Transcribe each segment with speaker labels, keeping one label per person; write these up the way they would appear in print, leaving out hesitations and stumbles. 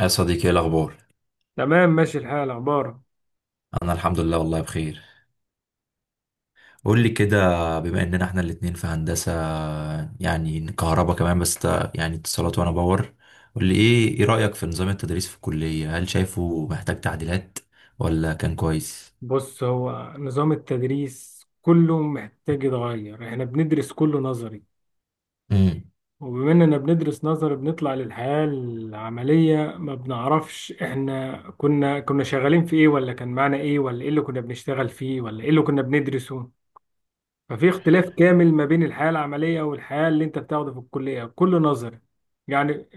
Speaker 1: يا صديقي، ايه الاخبار؟
Speaker 2: تمام، ماشي الحال. اخبارك؟
Speaker 1: انا الحمد لله، والله بخير. قول لي كده، بما اننا احنا الاتنين في هندسة، يعني كهرباء كمان، بس يعني اتصالات وانا باور. قول لي ايه رأيك في نظام التدريس في الكلية؟ هل شايفه محتاج تعديلات ولا كان كويس؟
Speaker 2: بص، هو نظام التدريس كله محتاج يتغير. احنا بندرس كله نظري،
Speaker 1: امم.
Speaker 2: وبما اننا بندرس نظري بنطلع للحياة العملية ما بنعرفش احنا كنا شغالين في ايه، ولا كان معانا ايه، ولا ايه اللي كنا بنشتغل فيه، ولا ايه اللي كنا بندرسه. ففي اختلاف كامل ما بين الحياة العملية والحياة اللي انت بتاخده في الكلية، كله نظري. يعني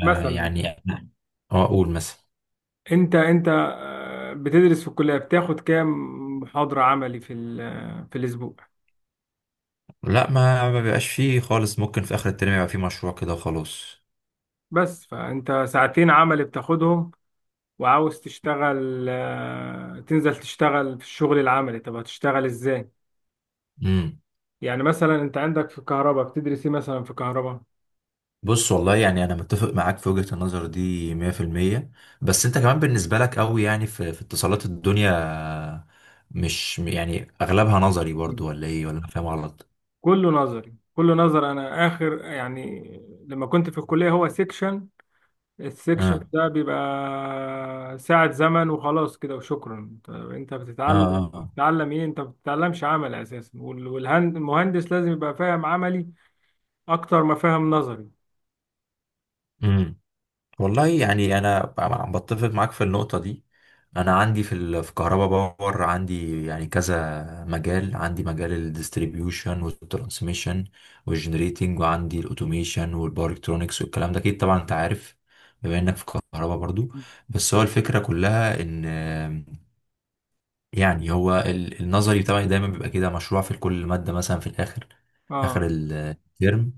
Speaker 2: مثلا
Speaker 1: يعني اه اقول مثلا.
Speaker 2: انت بتدرس في الكلية بتاخد كام محاضرة عملي في في الأسبوع؟
Speaker 1: لا، ما ما بيبقاش فيه خالص، ممكن في اخر الترم يبقى فيه مشروع كده وخلاص.
Speaker 2: بس فانت ساعتين عملي بتاخدهم، وعاوز تشتغل، تنزل تشتغل في الشغل العملي، طب هتشتغل ازاي؟
Speaker 1: امم.
Speaker 2: يعني مثلا انت عندك في الكهرباء بتدرس ايه مثلا في الكهرباء؟
Speaker 1: بص والله، يعني انا متفق معاك في وجهة النظر دي 100%. بس انت كمان بالنسبة لك قوي، يعني في, في اتصالات الدنيا مش يعني اغلبها نظري
Speaker 2: مم.
Speaker 1: برضو؟ ولا ايه؟ ولا أنا فاهم غلط؟
Speaker 2: كله نظري، كله نظر. انا اخر يعني لما كنت في الكلية هو سيكشن، السكشن
Speaker 1: اه،
Speaker 2: ده بيبقى ساعة زمن وخلاص كده وشكرا. طب انت
Speaker 1: اه،
Speaker 2: بتتعلم
Speaker 1: اه.
Speaker 2: بتتعلم ايه؟ انت ما بتتعلمش عمل اساسا، والمهندس لازم يبقى فاهم عملي اكتر ما فاهم نظري.
Speaker 1: امم. والله يعني انا عم بتفق معاك في النقطه دي. انا عندي في كهربا باور، عندي يعني كذا مجال. عندي مجال الديستريبيوشن والترانسميشن والجنريتنج، وعندي الاوتوميشن والباور الكترونكس والكلام ده، اكيد طبعا انت عارف بما انك في كهربا برضو. بس هو الفكره كلها ان، يعني هو النظري بتاعي دايما بيبقى كده مشروع في كل ماده مثلا في الاخر،
Speaker 2: اه،
Speaker 1: اخر الترم،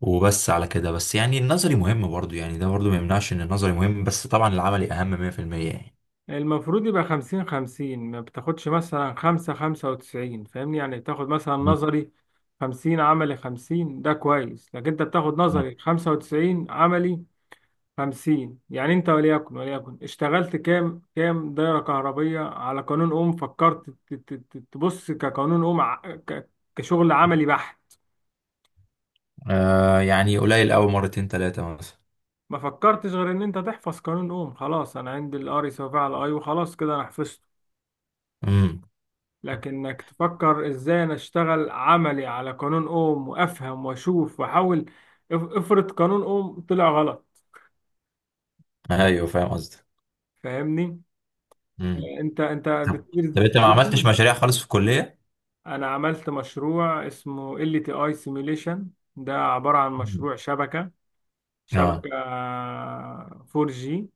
Speaker 1: وبس على كده. بس يعني النظري مهم برضو، يعني ده برضو ما يمنعش ان النظري مهم، بس طبعا العملي اهم 100% يعني.
Speaker 2: المفروض يبقى خمسين خمسين، ما بتاخدش مثلا خمسة خمسة وتسعين، فاهمني؟ يعني تاخد مثلا
Speaker 1: مم.
Speaker 2: نظري خمسين عملي خمسين، ده كويس. لكن انت بتاخد
Speaker 1: آه.
Speaker 2: نظري خمسة وتسعين عملي خمسين، يعني انت وليكن اشتغلت كام دايرة كهربية على قانون أم؟ فكرت تبص كقانون أم كشغل عملي بحت؟
Speaker 1: آه يعني قليل قوي، مرتين ثلاثة مثلا.
Speaker 2: ما فكرتش غير ان انت تحفظ قانون أم. خلاص، انا عندي الار يساوي فيه على اي، وخلاص كده انا حفظته.
Speaker 1: امم.
Speaker 2: لكنك تفكر ازاي انا اشتغل عملي على قانون أم وافهم واشوف واحاول. افرض قانون أم طلع غلط.
Speaker 1: ايوه فاهم قصدك.
Speaker 2: فاهمني؟
Speaker 1: امم.
Speaker 2: انت
Speaker 1: طب
Speaker 2: بتدرس
Speaker 1: طب انت ما عملتش
Speaker 2: distribution؟
Speaker 1: مشاريع خالص في الكلية؟
Speaker 2: انا عملت مشروع اسمه ال تي اي سيميوليشن. ده عبارة عن
Speaker 1: مم.
Speaker 2: مشروع شبكة
Speaker 1: اه،
Speaker 2: شبكة 4G.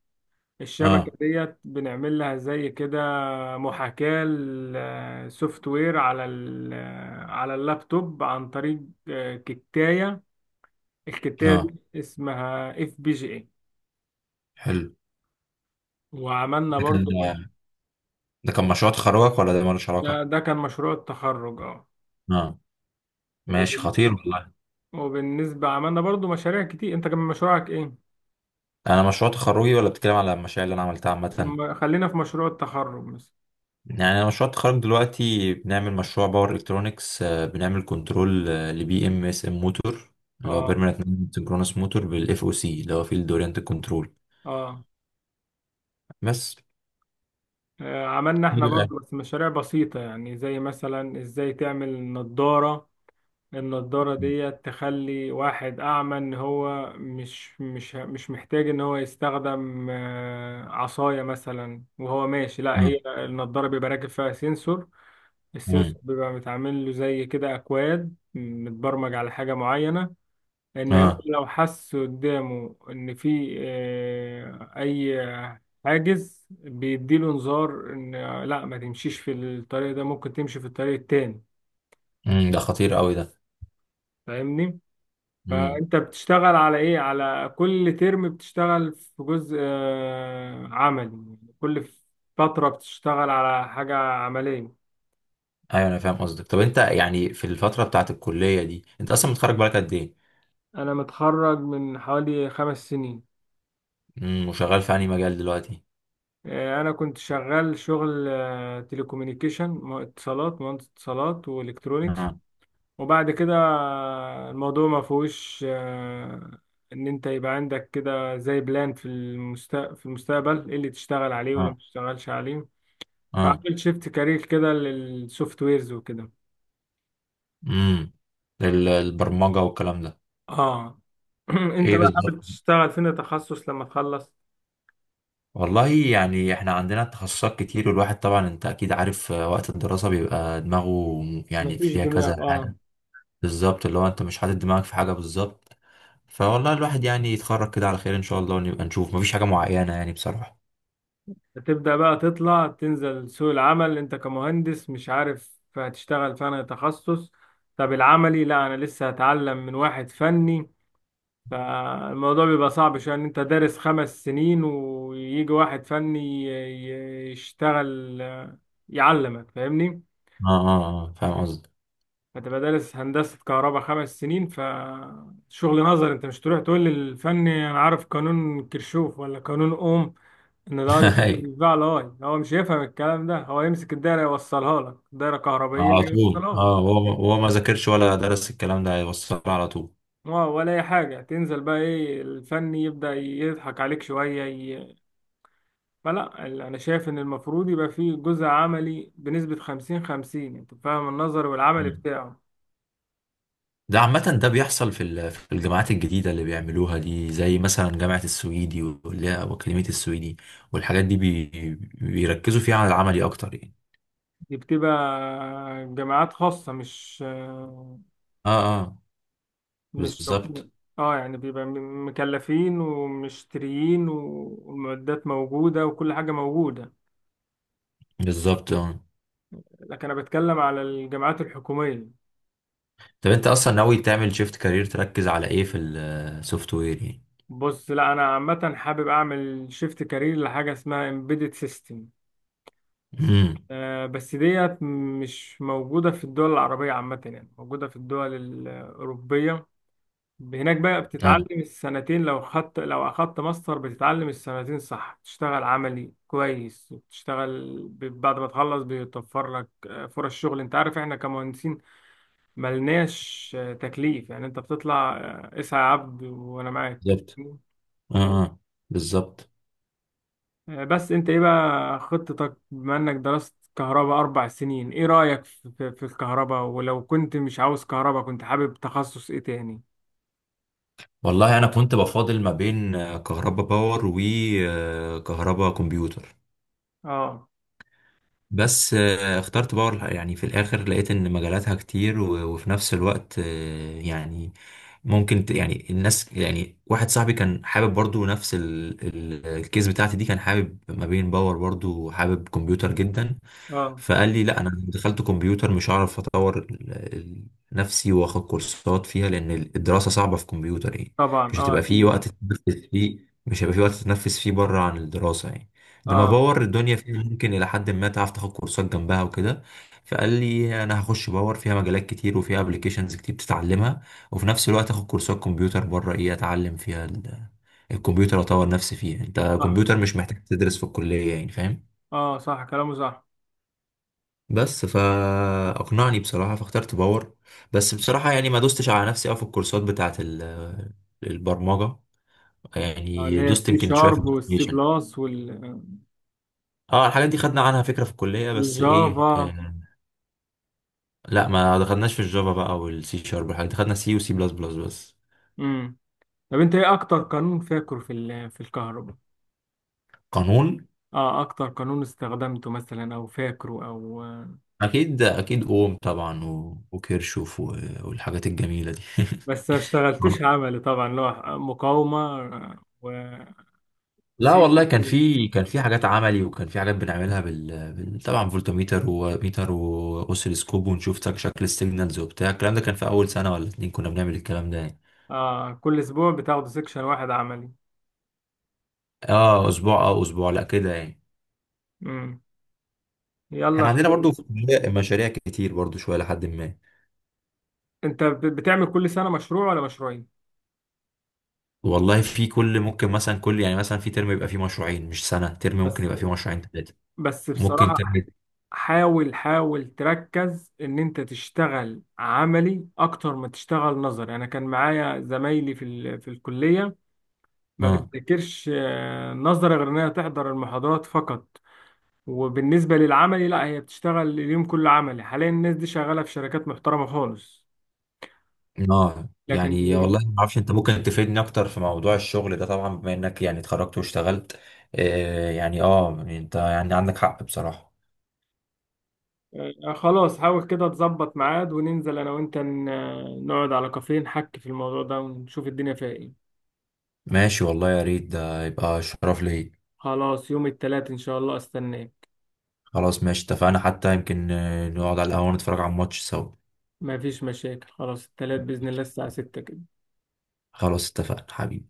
Speaker 2: الشبكة
Speaker 1: اه،
Speaker 2: ديت بنعمل لها زي كده محاكاة لسوفت وير على على اللابتوب عن طريق كتاية. الكتاية
Speaker 1: اه.
Speaker 2: دي اسمها اف بي جي اي.
Speaker 1: حلو.
Speaker 2: وعملنا
Speaker 1: ده
Speaker 2: برضو مش...
Speaker 1: كان ده كان مشروع تخرجك ولا ده مالوش
Speaker 2: ده,
Speaker 1: علاقة؟
Speaker 2: ده كان مشروع التخرج، اه.
Speaker 1: اه. ماشي
Speaker 2: وب-
Speaker 1: خطير والله.
Speaker 2: وبالنسبة عملنا برضو مشاريع كتير. انت كان مشروعك ايه؟
Speaker 1: انا مشروع تخرجي ولا بتتكلم على المشاريع اللي انا عملتها عامة؟
Speaker 2: خلينا في مشروع التخرج مثلا.
Speaker 1: يعني انا مشروع التخرج دلوقتي بنعمل مشروع باور الكترونكس، بنعمل كنترول لبي ام اس ام موتور، اللي هو
Speaker 2: اه،
Speaker 1: بيرمننت سنكرونس موتور بالاف او سي، اللي هو فيلد اورينت كنترول
Speaker 2: اه،
Speaker 1: بس.
Speaker 2: عملنا احنا
Speaker 1: يبقى-
Speaker 2: برضو بس مشاريع بسيطة، يعني زي مثلا ازاي تعمل نضارة. النضارة دي تخلي واحد أعمى إن هو مش محتاج إن هو يستخدم عصاية مثلا وهو ماشي، لا.
Speaker 1: مم.
Speaker 2: هي النضارة بيبقى راكب فيها سنسور. السنسور
Speaker 1: مم.
Speaker 2: بيبقى متعمل له زي كده أكواد متبرمج على حاجة معينة، ان هو
Speaker 1: اه.
Speaker 2: لو حس قدامه ان في اي حاجز بيديله انذار ان لا ما تمشيش في الطريق ده، ممكن تمشي في الطريق التاني.
Speaker 1: مم. ده خطير قوي ده.
Speaker 2: فاهمني؟
Speaker 1: مم.
Speaker 2: فانت بتشتغل على ايه؟ على كل ترم بتشتغل في جزء عملي، كل فترة بتشتغل على حاجة عملية.
Speaker 1: ايوه انا فاهم قصدك. طب انت يعني في الفتره بتاعت الكليه دي انت اصلا متخرج بقالك قد ايه؟
Speaker 2: انا متخرج من حوالي 5 سنين.
Speaker 1: مم. وشغال في انهي مجال دلوقتي؟
Speaker 2: انا كنت شغال شغل تليكومينيكيشن، اتصالات، مهندس اتصالات والكترونيكس.
Speaker 1: اه،
Speaker 2: وبعد كده الموضوع ما فيهوش ان انت يبقى عندك كده زي بلان في في المستقبل ايه اللي تشتغل عليه ولا ما
Speaker 1: اه،
Speaker 2: تشتغلش عليه.
Speaker 1: اه.
Speaker 2: فعملت شيفت كارير كده للسوفت ويرز وكده.
Speaker 1: مم. البرمجه والكلام ده.
Speaker 2: اه. انت
Speaker 1: ايه
Speaker 2: بقى حابب
Speaker 1: بالظبط.
Speaker 2: تشتغل فين تخصص لما تخلص؟
Speaker 1: والله يعني احنا عندنا تخصصات كتير، والواحد طبعا انت اكيد عارف، وقت الدراسة بيبقى دماغه يعني
Speaker 2: مفيش
Speaker 1: فيها
Speaker 2: دماغ،
Speaker 1: كذا
Speaker 2: اه.
Speaker 1: حاجة. بالظبط، اللي هو انت مش حاطط دماغك في حاجة بالظبط. فوالله الواحد يعني يتخرج كده على خير ان شاء الله، ونبقى نشوف. مفيش حاجة معينة يعني بصراحة.
Speaker 2: هتبدأ بقى تطلع تنزل سوق العمل، انت كمهندس مش عارف هتشتغل فين تخصص؟ طب العملي لا، انا لسه هتعلم من واحد فني. فالموضوع بيبقى صعب، عشان يعني انت دارس 5 سنين ويجي واحد فني يشتغل يعلمك، فاهمني؟
Speaker 1: اه، اه، اه فاهم قصدي.
Speaker 2: هتبقى دارس هندسة كهرباء 5 سنين فشغل نظر، انت مش تروح تقول للفني انا عارف قانون كرشوف ولا قانون اوم، ان الار يساوي
Speaker 1: أيوة،
Speaker 2: البتاع لاي. هو مش هيفهم الكلام ده. هو يمسك الدايرة يوصلها لك، دايرة كهربائية
Speaker 1: على طول.
Speaker 2: يوصلها لك،
Speaker 1: اه هو هو ما ذاكرش ولا درس الكلام ده، هيوصل على طول.
Speaker 2: اه، ولا اي حاجة تنزل بقى ايه الفني يبدأ يضحك عليك شوية. فلا، انا شايف ان المفروض يبقى فيه جزء عملي بنسبة 50 50، انت فاهم، النظر والعمل بتاعه.
Speaker 1: ده عامة ده بيحصل في الجامعات الجديدة اللي بيعملوها دي، زي مثلا جامعة السويدي واللي هي أكاديمية السويدي والحاجات دي، بيركزوا فيها على العملي أكتر يعني.
Speaker 2: دي بتبقى جامعات خاصة،
Speaker 1: اه، اه.
Speaker 2: مش
Speaker 1: بالظبط.
Speaker 2: حكومة. اه، يعني بيبقى مكلفين ومشتريين والمعدات موجودة وكل حاجة موجودة.
Speaker 1: بالظبط اه.
Speaker 2: لكن انا بتكلم على الجامعات الحكومية.
Speaker 1: طب أنت أصلا ناوي تعمل شيفت كارير، تركز على إيه في السوفت وير يعني؟
Speaker 2: بص لا، انا عامة حابب اعمل شيفت كارير لحاجة اسمها embedded system.
Speaker 1: امم.
Speaker 2: بس ديت مش موجودة في الدول العربية عامة، يعني موجودة في الدول الأوروبية. هناك بقى
Speaker 1: اه،
Speaker 2: بتتعلم السنتين لو أخدت ماستر بتتعلم السنتين صح، بتشتغل عملي كويس وبتشتغل بعد ما تخلص بيتوفر لك فرص شغل. أنت عارف إحنا كمهندسين ملناش تكليف. يعني أنت بتطلع، اسعى يا عبد وأنا معاك.
Speaker 1: بالظبط. اه، اه، بالظبط.
Speaker 2: بس انت ايه بقى خطتك؟ بما انك درست كهرباء 4 سنين، ايه رأيك في في الكهرباء؟ ولو كنت مش عاوز كهرباء، كنت حابب تخصص ايه تاني؟
Speaker 1: والله أنا كنت بفاضل ما بين كهربا باور وكهربا كمبيوتر.
Speaker 2: اه،
Speaker 1: بس اخترت باور يعني في الاخر. لقيت ان مجالاتها كتير، وفي نفس الوقت يعني ممكن يعني الناس، يعني واحد صاحبي كان حابب برضو نفس الكيس بتاعتي دي، كان حابب ما بين باور برضو وحابب كمبيوتر جدا.
Speaker 2: اه،
Speaker 1: فقال لي لا، انا دخلت كمبيوتر مش هعرف اطور نفسي، واخد كورسات فيها، لان الدراسة صعبة في كمبيوتر يعني.
Speaker 2: طبعا،
Speaker 1: مش
Speaker 2: اه،
Speaker 1: هتبقى فيه
Speaker 2: اكيد،
Speaker 1: وقت تتنفس فيه، مش هيبقى فيه وقت تتنفس فيه بره عن الدراسة يعني. لما
Speaker 2: اه،
Speaker 1: باور الدنيا فيها ممكن الى حد ما تعرف تاخد كورسات جنبها وكده. فقال لي انا هخش باور، فيها مجالات كتير وفيها ابلكيشنز كتير بتتعلمها، وفي نفس الوقت اخد كورسات كمبيوتر بره، ايه اتعلم فيها الكمبيوتر، اطور نفسي فيه. انت
Speaker 2: صح،
Speaker 1: كمبيوتر مش محتاج تدرس في الكلية يعني، فاهم؟
Speaker 2: اه، صح كلامه صح.
Speaker 1: بس فاقنعني بصراحة، فاخترت باور. بس بصراحة يعني ما دوستش على نفسي قوي في الكورسات بتاعت البرمجة.
Speaker 2: اه، اللي
Speaker 1: يعني
Speaker 2: هي
Speaker 1: دوست
Speaker 2: السي
Speaker 1: يمكن شوية في
Speaker 2: شارب والسي
Speaker 1: الابلكيشن.
Speaker 2: بلس وال
Speaker 1: اه، الحاجات دي خدنا عنها فكرة في الكلية، بس ايه،
Speaker 2: والجافا.
Speaker 1: لا ما دخلناش في الجافا بقى والسي شارب والحاجات دي. دخلنا سي وسي بلس بلس بس.
Speaker 2: امم. طب انت ايه اكتر قانون فاكره في في الكهرباء؟
Speaker 1: قانون
Speaker 2: اه، اكتر قانون استخدمته مثلا او فاكره او.
Speaker 1: اكيد اكيد اوم طبعا، وكيرشوف، والحاجات الجميله دي.
Speaker 2: بس ما اشتغلتوش عملي طبعا، اللي هو مقاومة
Speaker 1: لا
Speaker 2: وسيكشن.
Speaker 1: والله، كان في حاجات عملي، وكان في حاجات بنعملها طبعا فولتميتر وميتر واوسيلوسكوب، ونشوف شكل السيجنالز وبتاع. الكلام ده كان في اول سنه ولا اتنين، كنا بنعمل الكلام ده يعني.
Speaker 2: آه كل أسبوع بتاخدوا سيكشن واحد عملي؟
Speaker 1: اه اسبوع، اه اسبوع، لا كده يعني.
Speaker 2: مم.
Speaker 1: احنا
Speaker 2: يلا
Speaker 1: عندنا
Speaker 2: خير.
Speaker 1: برضو في الكلية مشاريع كتير برضو شويه لحد ما.
Speaker 2: أنت بتعمل كل سنة مشروع ولا مشروعين؟
Speaker 1: والله في كل، ممكن مثلا كل، يعني مثلا في ترم يبقى فيه مشروعين، مش سنة، ترم
Speaker 2: بس
Speaker 1: ممكن يبقى فيه مشروعين ثلاثة،
Speaker 2: بس
Speaker 1: ممكن ترم.
Speaker 2: بصراحة، حاول تركز إن أنت تشتغل عملي أكتر ما تشتغل نظري. أنا كان معايا زمايلي في في الكلية ما
Speaker 1: اه،
Speaker 2: بتذاكرش نظري غير إنها تحضر المحاضرات فقط. وبالنسبة للعملي لا، هي بتشتغل اليوم كله عملي. حاليا الناس دي شغالة في شركات محترمة خالص.
Speaker 1: اه
Speaker 2: لكن اللي
Speaker 1: يعني. والله
Speaker 2: بي...
Speaker 1: ما اعرفش، انت ممكن تفيدني اكتر في موضوع الشغل ده طبعا بما انك يعني اتخرجت واشتغلت. آه يعني، يعني انت يعني عندك حق بصراحة.
Speaker 2: خلاص، حاول كده تظبط ميعاد وننزل أنا وأنت، نقعد على كافيه نحكي في الموضوع ده ونشوف الدنيا فيها إيه.
Speaker 1: ماشي والله يا ريت، ده يبقى شرف لي.
Speaker 2: خلاص، يوم التلات إن شاء الله أستناك.
Speaker 1: خلاص ماشي اتفقنا، حتى يمكن نقعد على القهوة نتفرج على الماتش سوا.
Speaker 2: مفيش مشاكل، خلاص، التلات بإذن الله الساعة 6 كده.
Speaker 1: خلاص اتفقنا حبيبي.